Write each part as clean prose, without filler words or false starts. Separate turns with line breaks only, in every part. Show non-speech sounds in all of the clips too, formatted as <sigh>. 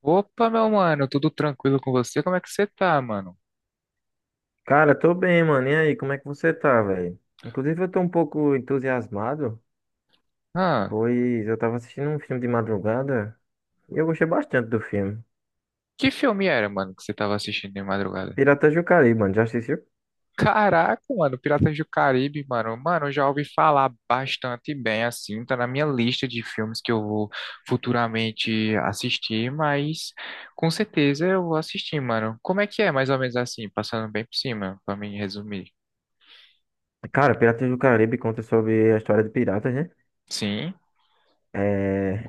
Opa, meu mano, tudo tranquilo com você? Como é que você tá, mano?
Cara, tô bem, mano. E aí, como é que você tá, velho? Inclusive, eu tô um pouco entusiasmado,
Ah,
pois eu tava assistindo um filme de madrugada e eu gostei bastante do filme.
que filme era, mano, que você tava assistindo de madrugada?
Piratas do Caribe, mano. Já assistiu?
Caraca, mano, Piratas do Caribe, mano. Mano, eu já ouvi falar bastante bem, assim, tá na minha lista de filmes que eu vou futuramente assistir, mas com certeza eu vou assistir, mano. Como é que é, mais ou menos assim, passando bem por cima, pra mim resumir?
Cara, Piratas do Caribe conta sobre a história de piratas, né?
Sim,
É,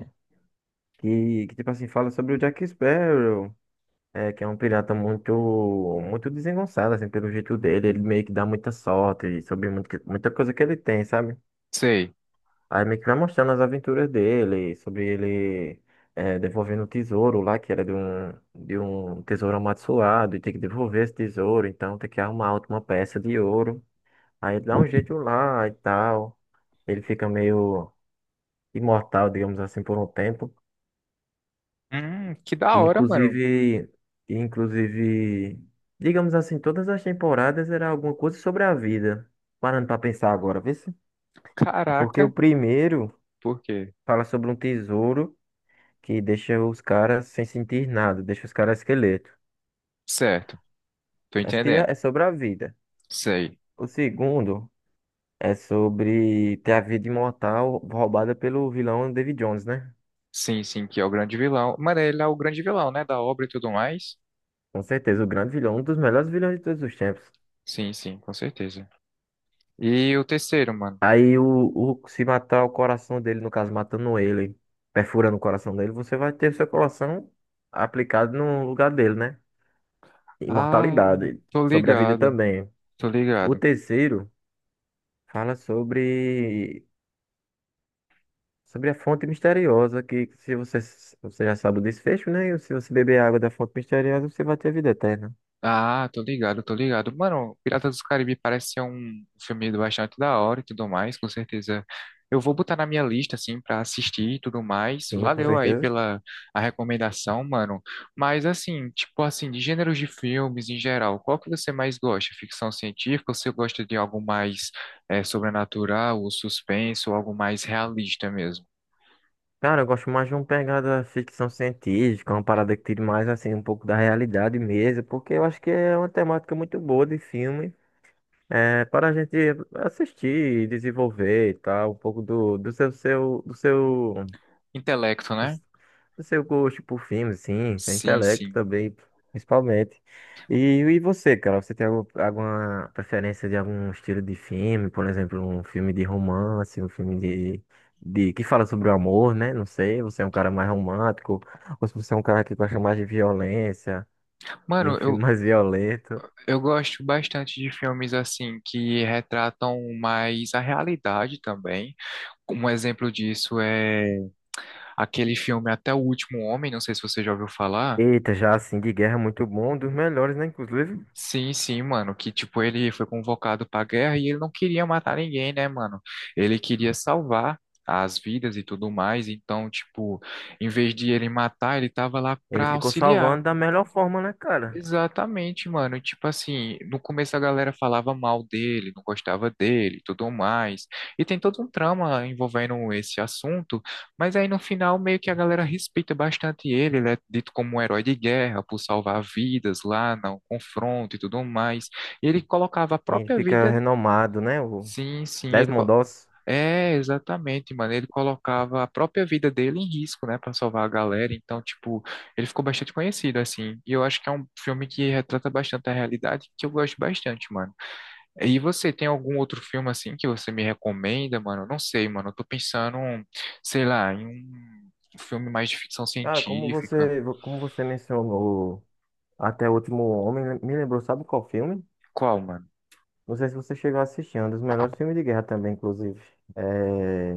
que, tipo assim, fala sobre o Jack Sparrow, é, que é um pirata muito desengonçado, assim, pelo jeito dele. Ele meio que dá muita sorte sobre muito, muita coisa que ele tem, sabe?
sei.
Aí meio que vai mostrando as aventuras dele, sobre ele devolvendo o tesouro lá, que era de um tesouro amaldiçoado, e tem que devolver esse tesouro, então tem que arrumar outra uma peça de ouro. Aí ele dá um jeito lá e tal. Ele fica meio imortal, digamos assim, por um tempo.
Que da
E,
hora, mano.
inclusive, e, inclusive, digamos assim, todas as temporadas era alguma coisa sobre a vida. Parando pra pensar agora, vê se. Porque o
Caraca,
primeiro
por quê?
fala sobre um tesouro, que deixa os caras sem sentir nada, deixa os caras esqueleto.
Certo, tô
Esse dia
entendendo.
é sobre a vida.
Sei.
O segundo é sobre ter a vida imortal roubada pelo vilão David Jones, né?
Sim, sim, que é o grande vilão. Mano, ele é o grande vilão, né? Da obra e tudo mais.
Com certeza, o grande vilão, um dos melhores vilões de todos os tempos.
Sim, sim, com certeza. E o terceiro, mano.
Aí o, Se matar o coração dele, no caso, matando ele, perfurando o coração dele, você vai ter o seu coração aplicado no lugar dele, né?
Ah,
Imortalidade,
tô
sobre a vida
ligado,
também.
tô
O
ligado.
terceiro fala sobre sobre a fonte misteriosa, que se você, você já sabe o desfecho, né? E se você beber água da fonte misteriosa, você vai ter vida eterna.
Ah, tô ligado, tô ligado. Mano, Piratas dos Caribe parece ser um filme bastante da hora e tudo mais, com certeza. Eu vou botar na minha lista, assim, pra assistir e tudo mais.
Sim, com
Valeu aí
certeza.
pela a recomendação, mano. Mas, assim, tipo assim, de gêneros de filmes em geral, qual que você mais gosta? Ficção científica ou você gosta de algo mais sobrenatural, ou suspense, ou algo mais realista mesmo?
Cara, eu gosto mais de uma pegada ficção científica, uma parada que tire mais, assim, um pouco da realidade mesmo, porque eu acho que é uma temática muito boa de filme, é, para a gente assistir, desenvolver e tal, um pouco do, do seu, seu, do seu,
Intelecto, né?
do seu gosto por filmes, sim, seu
Sim,
intelecto
sim.
também, principalmente. E, e você, cara, você tem alguma preferência de algum estilo de filme? Por exemplo, um filme de romance, um filme de que fala sobre o amor, né? Não sei, você é um cara mais romântico, ou se você é um cara que gosta mais de violência, de um
Mano,
filme <laughs>
eu,
mais violento.
Eu gosto bastante de filmes assim que retratam mais a realidade também. Um exemplo disso é aquele filme Até o Último Homem, não sei se você já ouviu falar.
Eita, já assim, de guerra é muito bom, um dos melhores, né? Inclusive,
Sim, sim, mano, que tipo ele foi convocado pra guerra e ele não queria matar ninguém, né, mano? Ele queria salvar as vidas e tudo mais, então, tipo, em vez de ele matar, ele tava lá
ele
pra
ficou
auxiliar.
salvando da melhor forma, né, cara?
Exatamente, mano. Tipo assim, no começo a galera falava mal dele, não gostava dele, e tudo mais. E tem todo um trama envolvendo esse assunto, mas aí no final meio que a galera respeita bastante ele, ele é dito como um herói de guerra por salvar vidas lá no confronto e tudo mais. E ele colocava a
E ele
própria
fica
vida.
renomado, né? O
Sim, sim, ele
Desmond
co-
Doss.
É, exatamente, mano. Ele colocava a própria vida dele em risco, né, pra salvar a galera. Então, tipo, ele ficou bastante conhecido assim. E eu acho que é um filme que retrata bastante a realidade, que eu gosto bastante, mano. E você tem algum outro filme assim que você me recomenda, mano? Eu não sei, mano. Eu tô pensando, sei lá, em um filme mais de ficção
Cara,
científica.
como você mencionou Até o Último Homem, né, me lembrou, sabe qual filme?
Qual, mano?
Não sei se você chegou a assistir, é um dos melhores filmes de guerra também, inclusive. É...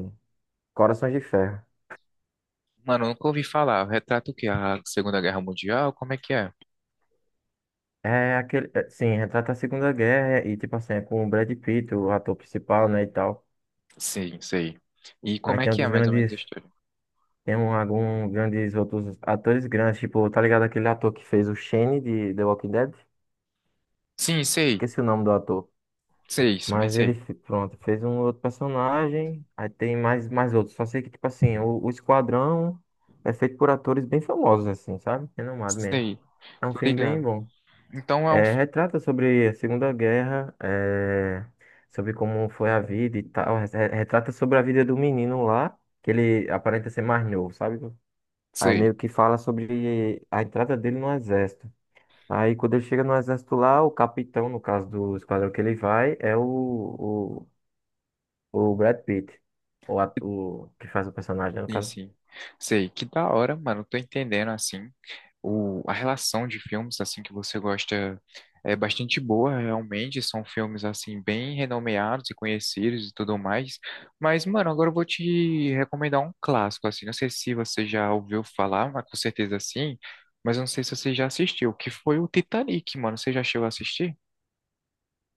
Corações de Ferro.
Mano, eu nunca ouvi falar. Retrata o quê? A Segunda Guerra Mundial? Como é que é?
É aquele, é, sim, retrata a Segunda Guerra e, tipo assim, é com o Brad Pitt, o ator principal, né, e tal.
Sim, sei. E
Aí
como é
tem um
que é
dos
mais ou menos
grandes,
a história?
Tem um, algum grandes outros atores grandes, tipo, tá ligado aquele ator que fez o Shane de The Walking Dead?
Sim, sei.
Esqueci o nome do ator.
Sei, mas
Mas
sei.
pronto, fez um outro personagem, aí tem mais outros. Só sei que, tipo assim, o Esquadrão é feito por atores bem famosos, assim, sabe? Renomado mesmo.
Sei.
É um
Tô
filme bem
ligado.
bom.
Então é um.
É, retrata sobre a Segunda Guerra, é, sobre como foi a vida e tal. Retrata sobre a vida do menino lá, que ele aparenta ser mais novo, sabe? Aí
Sei.
meio que fala sobre a entrada dele no exército. Aí quando ele chega no exército lá, o capitão, no caso do esquadrão que ele vai, é o Brad Pitt, o que faz o personagem, né, no
Sim,
caso.
sim. Sei. Que da hora, mano. Tô entendendo, assim. A relação de filmes, assim, que você gosta é bastante boa, realmente. São filmes, assim, bem renomeados e conhecidos e tudo mais. Mas, mano, agora eu vou te recomendar um clássico, assim. Não sei se você já ouviu falar, mas com certeza sim. Mas eu não sei se você já assistiu, que foi o Titanic, mano. Você já chegou a assistir?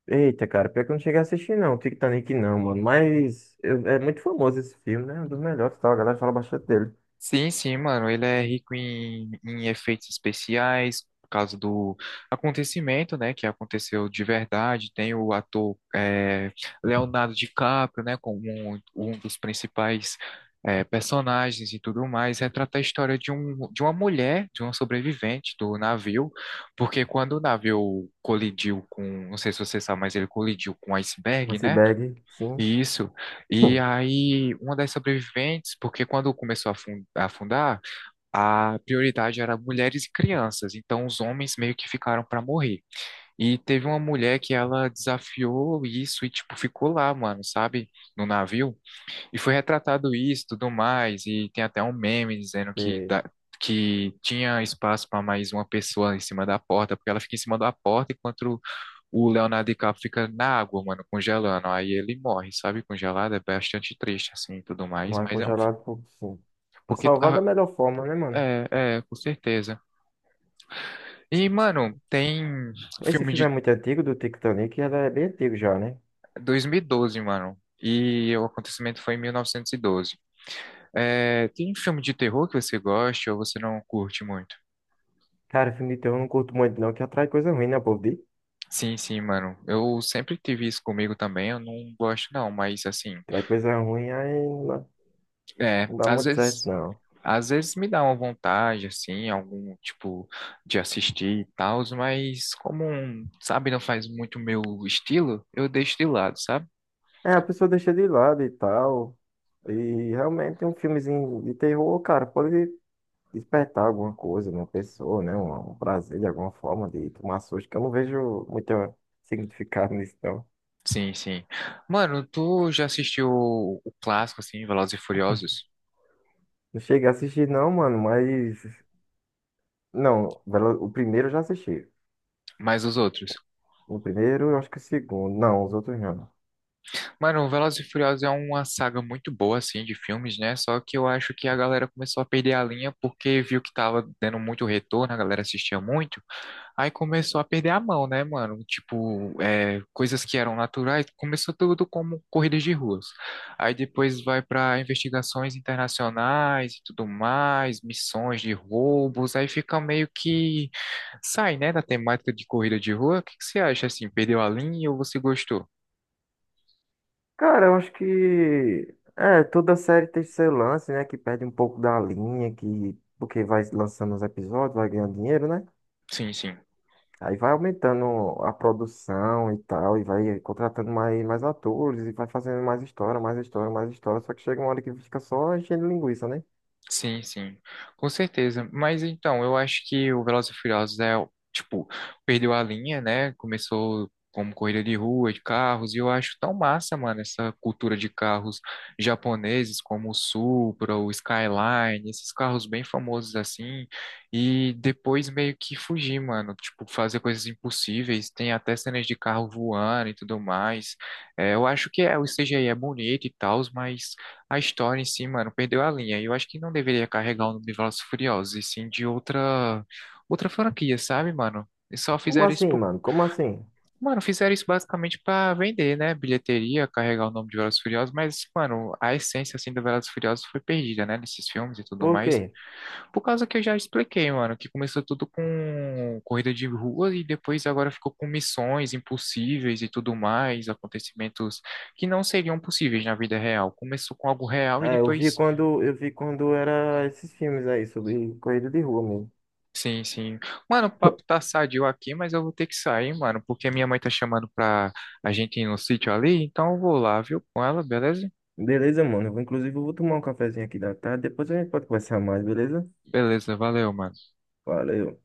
Eita, cara, pior que eu não cheguei a assistir, não. O Titanic não, mano. É muito famoso esse filme, né? É um dos melhores, e tal. A galera fala bastante dele.
Sim, sim, mano. Ele é rico em efeitos especiais, por causa do acontecimento, né? Que aconteceu de verdade. Tem o ator Leonardo DiCaprio, né? Como um dos principais personagens e tudo mais. Retrata a história de uma mulher, de uma sobrevivente do navio. Porque quando o navio colidiu com... Não sei se você sabe, mas ele colidiu com um
Um
iceberg, né?
iceberg, sim.
Isso. E
Hum.
aí, uma das sobreviventes, porque quando começou a afundar, a prioridade era mulheres e crianças, então os homens meio que ficaram para morrer. E teve uma mulher que ela desafiou isso e, tipo, ficou lá, mano, sabe, no navio. E foi retratado isso, tudo mais, e tem até um meme dizendo que
E
dá- Que tinha espaço para mais uma pessoa em cima da porta, porque ela fica em cima da porta enquanto o Leonardo DiCaprio fica na água, mano, congelando. Aí ele morre, sabe? Congelado é bastante triste, assim, e tudo mais.
não é
Mas é um
congelado,
filme.
por sim. Pra
Porque
salvar
tá.
da melhor forma, né, mano?
É, é, com certeza. E, mano, tem
Esse
filme
filme é
de
muito antigo, do Titanic, e ela é bem antigo já, né?
2012, mano. E o acontecimento foi em 1912. É, tem filme de terror que você gosta ou você não curte muito?
Cara, filme de terror eu não curto muito, não, que atrai coisa ruim, né, povo?
Sim, sim, mano. Eu sempre tive isso comigo também. Eu não gosto, não, mas assim,
Atrai coisa ruim, aí
é,
não dá
às
muito certo,
vezes.
não.
Às vezes me dá uma vontade, assim, algum tipo de assistir e tal, mas como, sabe, não faz muito meu estilo, eu deixo de lado, sabe?
É, a pessoa deixa de lado e tal. E realmente um filmezinho de terror, cara, pode despertar alguma coisa na pessoa, né? Um prazer de alguma forma de tomar susto, que eu não vejo muito significado <laughs> nisso, não.
Sim, sim. Mano, tu já assistiu o clássico, assim, Velozes e Furiosos?
Não cheguei a assistir, não, mano, mas. Não, o primeiro eu já assisti.
Mas os outros?
O primeiro, eu acho que o segundo. Não, os outros não.
Mano, Velozes e Furiosos é uma saga muito boa, assim, de filmes, né? Só que eu acho que a galera começou a perder a linha porque viu que tava dando muito retorno, a galera assistia muito. Aí começou a perder a mão, né, mano? Tipo, é, coisas que eram naturais, começou tudo como corridas de ruas. Aí depois vai para investigações internacionais e tudo mais, missões de roubos, aí fica meio que sai, né, da temática de corrida de rua. O que que você acha assim? Perdeu a linha ou você gostou?
Cara, eu acho que. É, toda série tem seu lance, né? Que perde um pouco da linha, que. Porque vai lançando os episódios, vai ganhando dinheiro, né?
Sim, sim.
Aí vai aumentando a produção e tal, e vai contratando mais atores, e vai fazendo mais história, mais história, mais história. Só que chega uma hora que fica só enchendo linguiça, né?
Sim, sim, com certeza. Mas então, eu acho que o Velozes e Furiosos é, tipo, perdeu a linha, né? Começou como corrida de rua, de carros, e eu acho tão massa, mano, essa cultura de carros japoneses como o Supra, o Skyline, esses carros bem famosos assim, e depois meio que fugir, mano, tipo, fazer coisas impossíveis, tem até cenas de carro voando e tudo mais. É, eu acho que é, o CGI é bonito e tal, mas. A história em si, mano, perdeu a linha. E eu acho que não deveria carregar o nome de Velozes e Furiosos, e sim de outra franquia, sabe, mano? E só
Como
fizeram isso
assim,
por...
mano? Como assim?
Mano, fizeram isso basicamente pra vender, né? Bilheteria, carregar o nome de Velozes e Furiosos, mas, mano, a essência, assim, do Velozes e Furiosos foi perdida, né? Nesses filmes e tudo
Por
mais.
quê?
Por causa que eu já expliquei, mano, que começou tudo com corrida de rua e depois agora ficou com missões impossíveis e tudo mais, acontecimentos que não seriam possíveis na vida real. Começou com algo real e
É,
depois.
eu vi quando era esses filmes aí, sobre corrida de rua mesmo.
Sim, sim. Mano, o papo tá
<laughs>
sadio aqui, mas eu vou ter que sair, mano, porque minha mãe tá chamando pra a gente ir no sítio ali, então eu vou lá, viu, com ela, beleza?
Beleza, mano? Inclusive, eu vou tomar um cafezinho aqui da tarde, depois a gente pode conversar mais, beleza?
Beleza, valeu, mano.
Valeu.